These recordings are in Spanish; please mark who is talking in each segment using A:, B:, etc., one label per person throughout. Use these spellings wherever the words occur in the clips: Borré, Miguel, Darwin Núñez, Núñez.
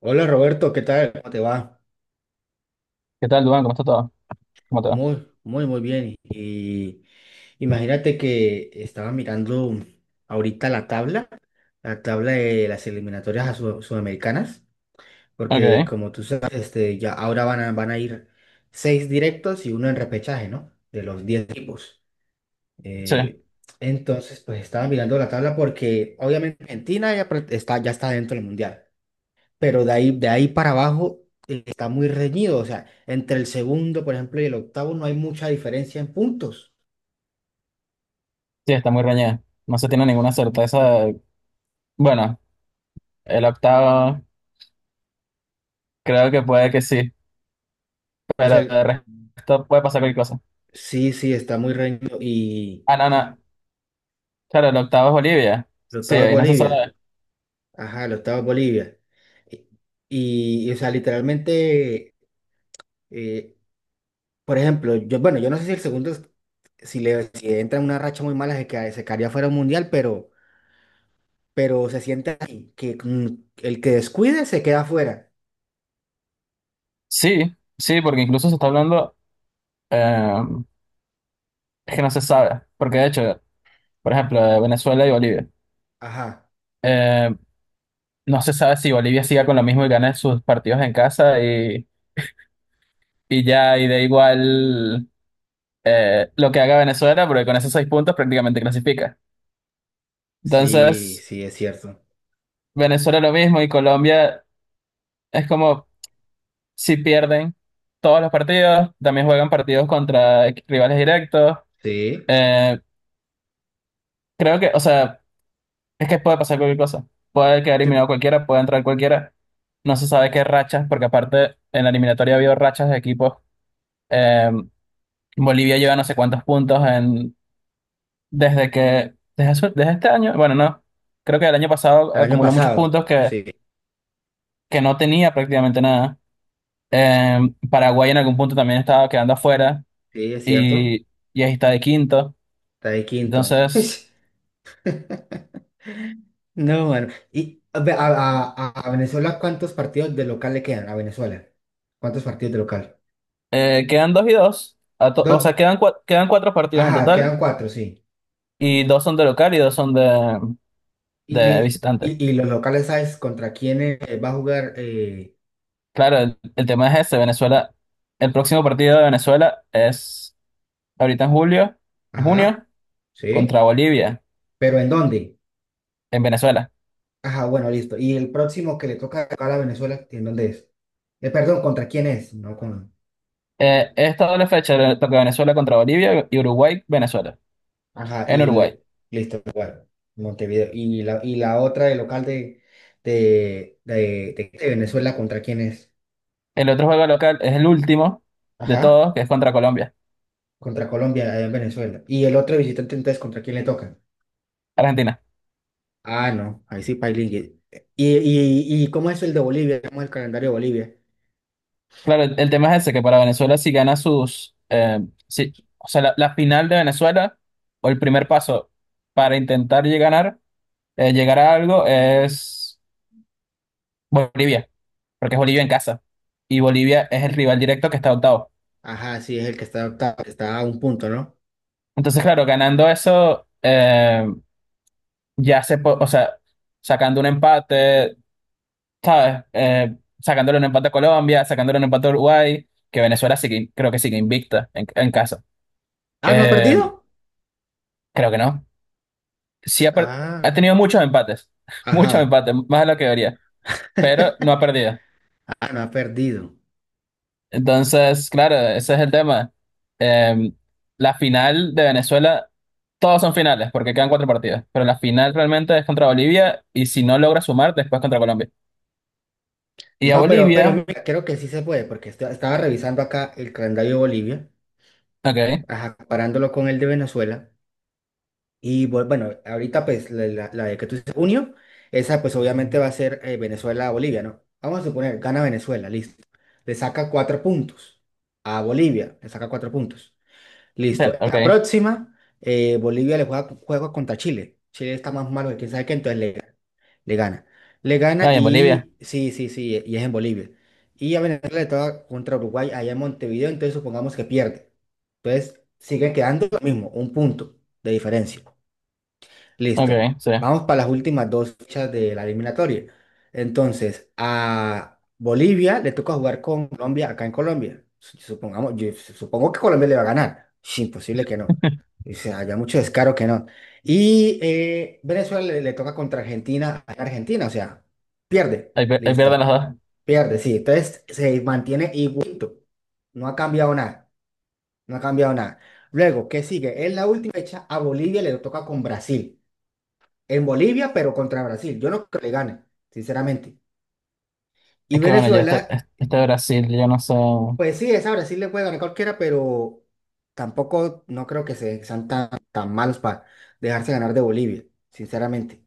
A: Hola Roberto, ¿qué tal? ¿Cómo te va?
B: ¿Qué tal, Duan? ¿Cómo está todo? ¿Cómo te va?
A: Muy bien. Y imagínate que estaba mirando ahorita la tabla de las eliminatorias a sudamericanas, porque
B: Ok,
A: como tú sabes, este, ya ahora van a ir seis directos y uno en repechaje, ¿no? De los diez equipos.
B: sí,
A: Eh, entonces, pues estaba mirando la tabla porque obviamente Argentina ya, ya está dentro del mundial. Pero de ahí para abajo está muy reñido. O sea, entre el segundo, por ejemplo, y el octavo no hay mucha diferencia en puntos.
B: sí, está muy reñida. No se tiene ninguna certeza. Bueno, el octavo creo que puede que sí,
A: O sea,
B: pero
A: el-
B: de resto puede pasar cualquier cosa.
A: sí, sí, está muy reñido. Y
B: Ah, no, no, claro, el octavo es Bolivia.
A: el
B: Sí,
A: octavo es
B: ahí no se
A: Bolivia.
B: sabe.
A: Ajá, el octavo es Bolivia. O sea, literalmente, eh, por ejemplo, yo, bueno, yo no sé si el segundo, si le si entra en una racha muy mala, se quedaría fuera del mundial, pero se siente así, que el que descuide se queda fuera.
B: Sí, sí, porque incluso se está hablando eh, es que no se sabe, porque de hecho, por ejemplo, de Venezuela y Bolivia.
A: Ajá,
B: eh, no se sabe si Bolivia siga con lo mismo y gane sus partidos en casa y ya, y da igual lo que haga Venezuela, porque con esos seis puntos prácticamente clasifica.
A: sí,
B: Entonces,
A: sí, es cierto.
B: Venezuela lo mismo y Colombia es como si pierden todos los partidos, también juegan partidos contra rivales directos.
A: Sí,
B: Eh, Creo que, o sea, es que puede pasar cualquier cosa. Puede quedar
A: sí,
B: eliminado cualquiera, puede entrar cualquiera. No se sabe qué rachas, porque aparte en la eliminatoria ha habido rachas de equipos. Eh, Bolivia lleva no sé cuántos puntos en, desde que, desde, su- desde este año, bueno, no. Creo que el año pasado
A: el año
B: acumuló muchos
A: pasado.
B: puntos que
A: Sí,
B: que no tenía prácticamente nada. Eh, Paraguay en algún punto también estaba quedando afuera
A: sí, es cierto.
B: y, y ahí está de quinto.
A: Está de quinto.
B: Entonces,
A: No, mano. ¿Y a, ve- a Venezuela cuántos partidos de local le quedan a Venezuela? ¿Cuántos partidos de local?
B: quedan dos y dos. O sea,
A: Dos.
B: quedan cuatro partidos en
A: Ajá,
B: total
A: quedan cuatro, sí.
B: y dos son de local y dos son de,
A: Y,
B: de visitante.
A: y, y los locales, ¿sabes contra quién va a jugar?
B: Claro, el tema es ese, Venezuela. El próximo partido de Venezuela es ahorita en julio, en
A: Ajá,
B: junio,
A: sí.
B: contra Bolivia,
A: ¿Pero en dónde?
B: en Venezuela.
A: Ajá, bueno, listo. ¿Y el próximo que le toca local a Venezuela, en dónde es? Perdón, ¿contra quién es? No, con...
B: Esta doble fecha le toca Venezuela contra Bolivia y Uruguay, Venezuela,
A: Ajá,
B: en Uruguay.
A: listo, igual, Montevideo. Y la otra, el local de, de, de Venezuela, ¿contra quién es?
B: El otro juego local es el último de
A: Ajá,
B: todos, que es contra Colombia,
A: contra Colombia, allá en Venezuela. Y el otro visitante, entonces, ¿contra quién le toca?
B: Argentina.
A: Ah, no, ahí sí, Pailín. ¿Y cómo es el de Bolivia? ¿Cómo es el calendario de Bolivia?
B: Claro, el tema es ese, que para Venezuela si gana sus... o sea, la final de Venezuela, o el primer paso para intentar llegar, a ganar, llegar a algo es Bolivia, porque es Bolivia en casa. Y Bolivia es el rival directo que está octavo.
A: Ajá, sí, es el que está octavo, que está a un punto, ¿no?
B: Entonces, claro, ganando eso, o sea, sacando un empate, ¿sabes? Sacándole un empate a Colombia, sacándole un empate a Uruguay, que Venezuela sí que, creo que sigue invicta en casa.
A: Ah, ¿no ha
B: Eh,
A: perdido?
B: Creo que no. Sí ha, per-
A: Ah,
B: ha tenido muchos empates, muchos
A: ajá.
B: empates, más de lo que debería, pero no ha perdido.
A: Ah, no ha perdido.
B: Entonces, claro, ese es el tema. Eh, la final de Venezuela, todos son finales, porque quedan cuatro partidos, pero la final realmente es contra Bolivia y si no logra sumar, después contra Colombia. Y a
A: No, pero
B: Bolivia,
A: mira, creo que sí se puede, porque estaba revisando acá el calendario de Bolivia
B: ok,
A: ajá, parándolo con el de Venezuela. Y bueno, ahorita pues la de que tú dices, junio, esa pues obviamente va a ser Venezuela-Bolivia, ¿no? Vamos a suponer, gana Venezuela, listo. Le saca cuatro puntos a Bolivia, le saca cuatro puntos. Listo. En
B: ok,
A: la próxima, Bolivia juego contra Chile. Chile está más malo que quién sabe qué, entonces le gana. Le gana
B: no, y en Bolivia,
A: y sí, sí, sí, y es en Bolivia. Y a Venezuela le toca contra Uruguay allá en Montevideo, entonces supongamos que pierde. Entonces siguen quedando lo mismo, un punto de diferencia. Listo.
B: ok, sí.
A: Vamos para las últimas dos fechas de la eliminatoria. Entonces, a Bolivia le toca jugar con Colombia acá en Colombia. Su- Supongamos, yo supongo que Colombia le va a ganar. Es imposible que no. O sea, había mucho descaro que no. Y Venezuela le toca contra Argentina en Argentina. O sea, pierde.
B: Ahí pierden
A: Listo.
B: las dos.
A: Pierde, sí. Entonces se mantiene igualito. No ha cambiado nada. No ha cambiado nada. Luego, ¿qué sigue? En la última fecha, a Bolivia le toca con Brasil en Bolivia, pero contra Brasil. Yo no creo que le gane, sinceramente. Y
B: Es que bueno, ya este,
A: Venezuela,
B: este Brasil, yo no sé.
A: pues sí, esa Brasil le puede ganar cualquiera, pero tampoco no creo que sean tan malos para dejarse ganar de Bolivia, sinceramente.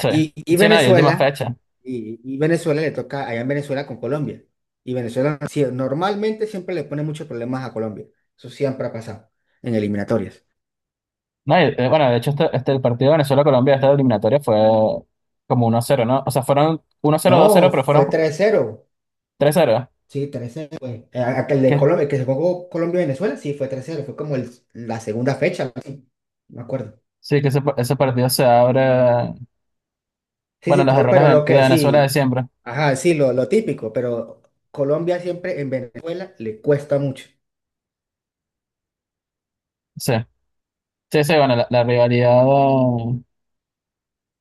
B: Sí,
A: Y, y
B: sí, nadie, última
A: Venezuela,
B: fecha.
A: y Venezuela le toca allá en Venezuela con Colombia. Y Venezuela sí, normalmente siempre le pone muchos problemas a Colombia. Eso siempre ha pasado en eliminatorias.
B: No, y, bueno, de hecho, este el partido de Venezuela-Colombia, esta eliminatoria fue como 1 cero, ¿no? O sea, fueron uno cero dos cero
A: No,
B: pero
A: fue
B: fueron
A: tres cero.
B: tres 0.
A: Sí, 3-0, güey. Aquel de
B: Que,
A: Colombia, el que se jugó Colombia-Venezuela, sí, fue 3-0, fue como la segunda fecha, algo así, me acuerdo.
B: sí, que ese partido se abre.
A: Sí,
B: Bueno,
A: sí,
B: los
A: no,
B: errores
A: pero lo
B: de
A: que
B: Venezuela de
A: sí,
B: siempre.
A: ajá, sí, lo típico, pero Colombia siempre en Venezuela le cuesta mucho.
B: Sí, sí, sí, bueno, la rivalidad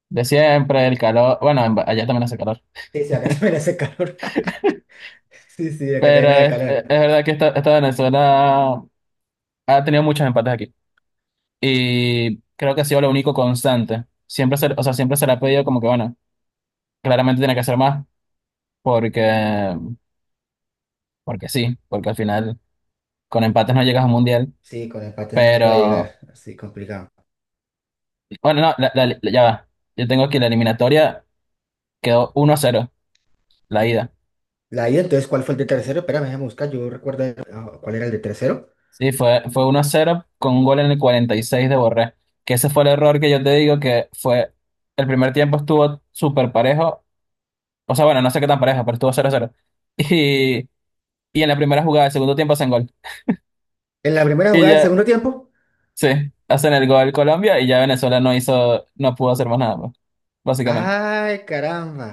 B: de siempre, el calor. Bueno, allá también hace calor.
A: Sí, sí, acá también hace calor. Sí, sí, acá
B: Pero
A: también hace
B: es,
A: calor.
B: es- es verdad que esta Venezuela ha tenido muchos empates aquí. Y creo que ha sido lo único constante. Siempre se, o sea, siempre se le ha pedido como que, bueno, claramente tiene que hacer más porque, porque sí, porque al final con empates no llegas a un mundial.
A: Sí, con empate no se puede
B: Pero,
A: llegar, así complicado.
B: bueno, no, ya va. Yo tengo aquí la eliminatoria, quedó 1-0 la ida.
A: La ida, entonces, ¿cuál fue el de tercero? Espérame, déjame buscar, yo recuerdo ah, cuál era el de tercero.
B: Sí, fue 1-0 con un gol en el 46 de Borré. Que ese fue el error que yo te digo que fue, el primer tiempo estuvo súper parejo. O sea, bueno, no sé qué tan parejo, pero estuvo 0-0. Y, y en la primera jugada del segundo tiempo hacen gol.
A: En la primera
B: Y
A: jugada del
B: ya.
A: segundo tiempo.
B: Sí, hacen el gol Colombia y ya Venezuela no hizo, no pudo hacer más nada, pues, básicamente.
A: Ay, caramba.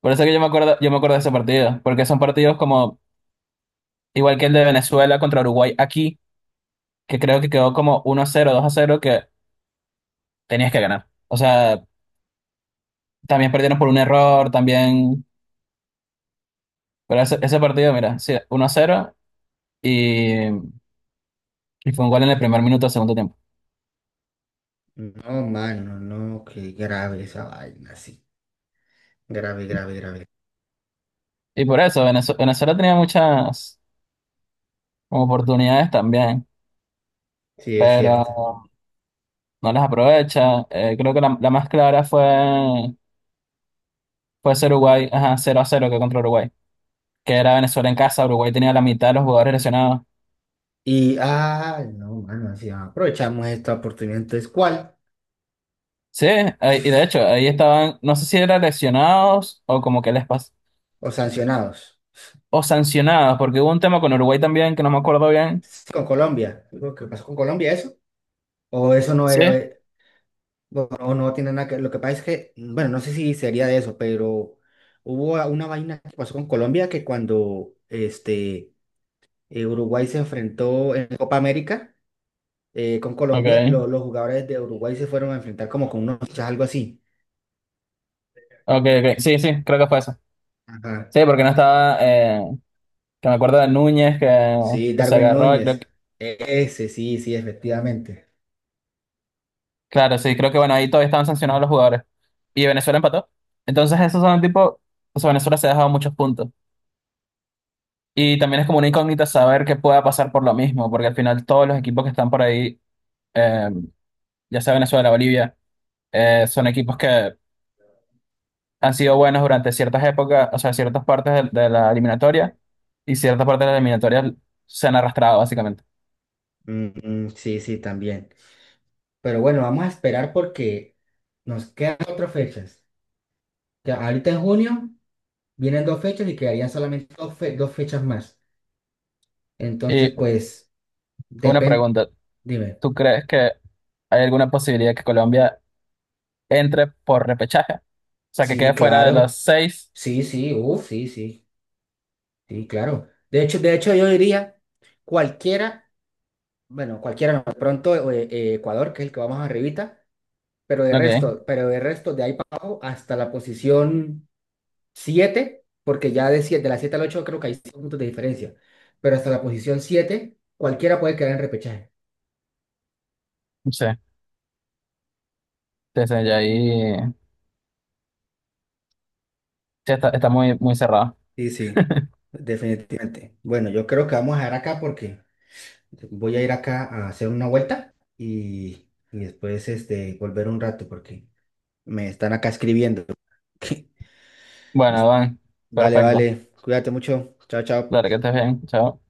B: Por eso que yo me acuerdo de ese partido, porque son partidos como, igual que el de Venezuela contra Uruguay aquí, que creo que quedó como 1-0, 2-0, que tenías que ganar. O sea, también perdieron por un error, también, pero ese partido, mira, sí, 1-0 y fue un gol en el primer minuto del segundo tiempo.
A: No, mano, no, qué grave esa vaina, sí. Grave,
B: Y,
A: grave, grave.
B: y por eso, Venezuela tenía muchas como oportunidades también,
A: Sí, es cierto.
B: pero... No las aprovecha. Creo que la más clara fue, ese Uruguay, ajá, 0-0 que contra Uruguay, que era Venezuela en casa. Uruguay tenía la mitad de los jugadores lesionados.
A: Y, ah, no, mano, así aprovechamos esta oportunidad. Entonces, ¿cuál?
B: Sí, y de hecho, ahí estaban, no sé si eran lesionados o como que les pasó,
A: ¿O sancionados?
B: o sancionados, porque hubo un tema con Uruguay también que no me acuerdo bien.
A: Sí, con Colombia. Digo, ¿qué pasó con Colombia eso? ¿O eso no
B: Sí,
A: era, o no tiene nada que... Lo que pasa es que, bueno, no sé si sería de eso, pero hubo una vaina que pasó con Colombia que cuando este, Uruguay se enfrentó en Copa América, con Colombia,
B: ok,
A: los jugadores de Uruguay se fueron a enfrentar como con unos fichas, algo así.
B: ok, ok, sí, sí, creo que fue eso.
A: Ajá.
B: Sí, porque no estaba, que me acuerdo de Núñez que,
A: Sí,
B: que se
A: Darwin
B: agarró, y creo.
A: Núñez. Ese, sí, sí, efectivamente.
B: Claro, sí, creo que bueno, ahí todavía estaban sancionados los jugadores. Y Venezuela empató. Entonces, esos son tipo, o sea, Venezuela se ha dejado muchos puntos. Y también es como una incógnita saber qué pueda pasar por lo mismo, porque al final todos los equipos que están por ahí, eh, ya sea Venezuela, Bolivia, son equipos que han sido buenos durante ciertas épocas, o sea, ciertas partes de la eliminatoria, y ciertas partes de la eliminatoria se han arrastrado, básicamente.
A: Mm, sí, sí, también. Pero bueno, vamos a esperar porque nos quedan otras fechas. Ya, ahorita en junio vienen dos fechas y quedarían solamente dos, dos fechas más. Entonces,
B: Y
A: pues,
B: una
A: depende.
B: pregunta,
A: Dime.
B: ¿tú crees que hay alguna posibilidad que Colombia entre por repechaje? O sea, que
A: Sí,
B: quede fuera de los
A: claro.
B: seis.
A: Sí, sí, uff, sí, sí. Sí, claro. De hecho, yo diría, cualquiera. Bueno, cualquiera, no. De pronto Ecuador, que es el que vamos arribita,
B: Ok,
A: pero de resto, de ahí para abajo hasta la posición 7 porque ya de la 7 al 8 creo que hay 5 puntos de diferencia, pero hasta la posición siete cualquiera puede quedar en repechaje.
B: sí, sí, sí, ya ahí sí, está muy, muy cerrado.
A: Sí, sí, definitivamente. Bueno, yo creo que vamos a dejar acá porque voy a ir acá a hacer una vuelta y después este, volver un rato porque me están acá escribiendo. Me-
B: Bueno, Iván,
A: Vale,
B: perfecto.
A: vale, cuídate mucho. Chao, chao.
B: Claro que estés bien, chao.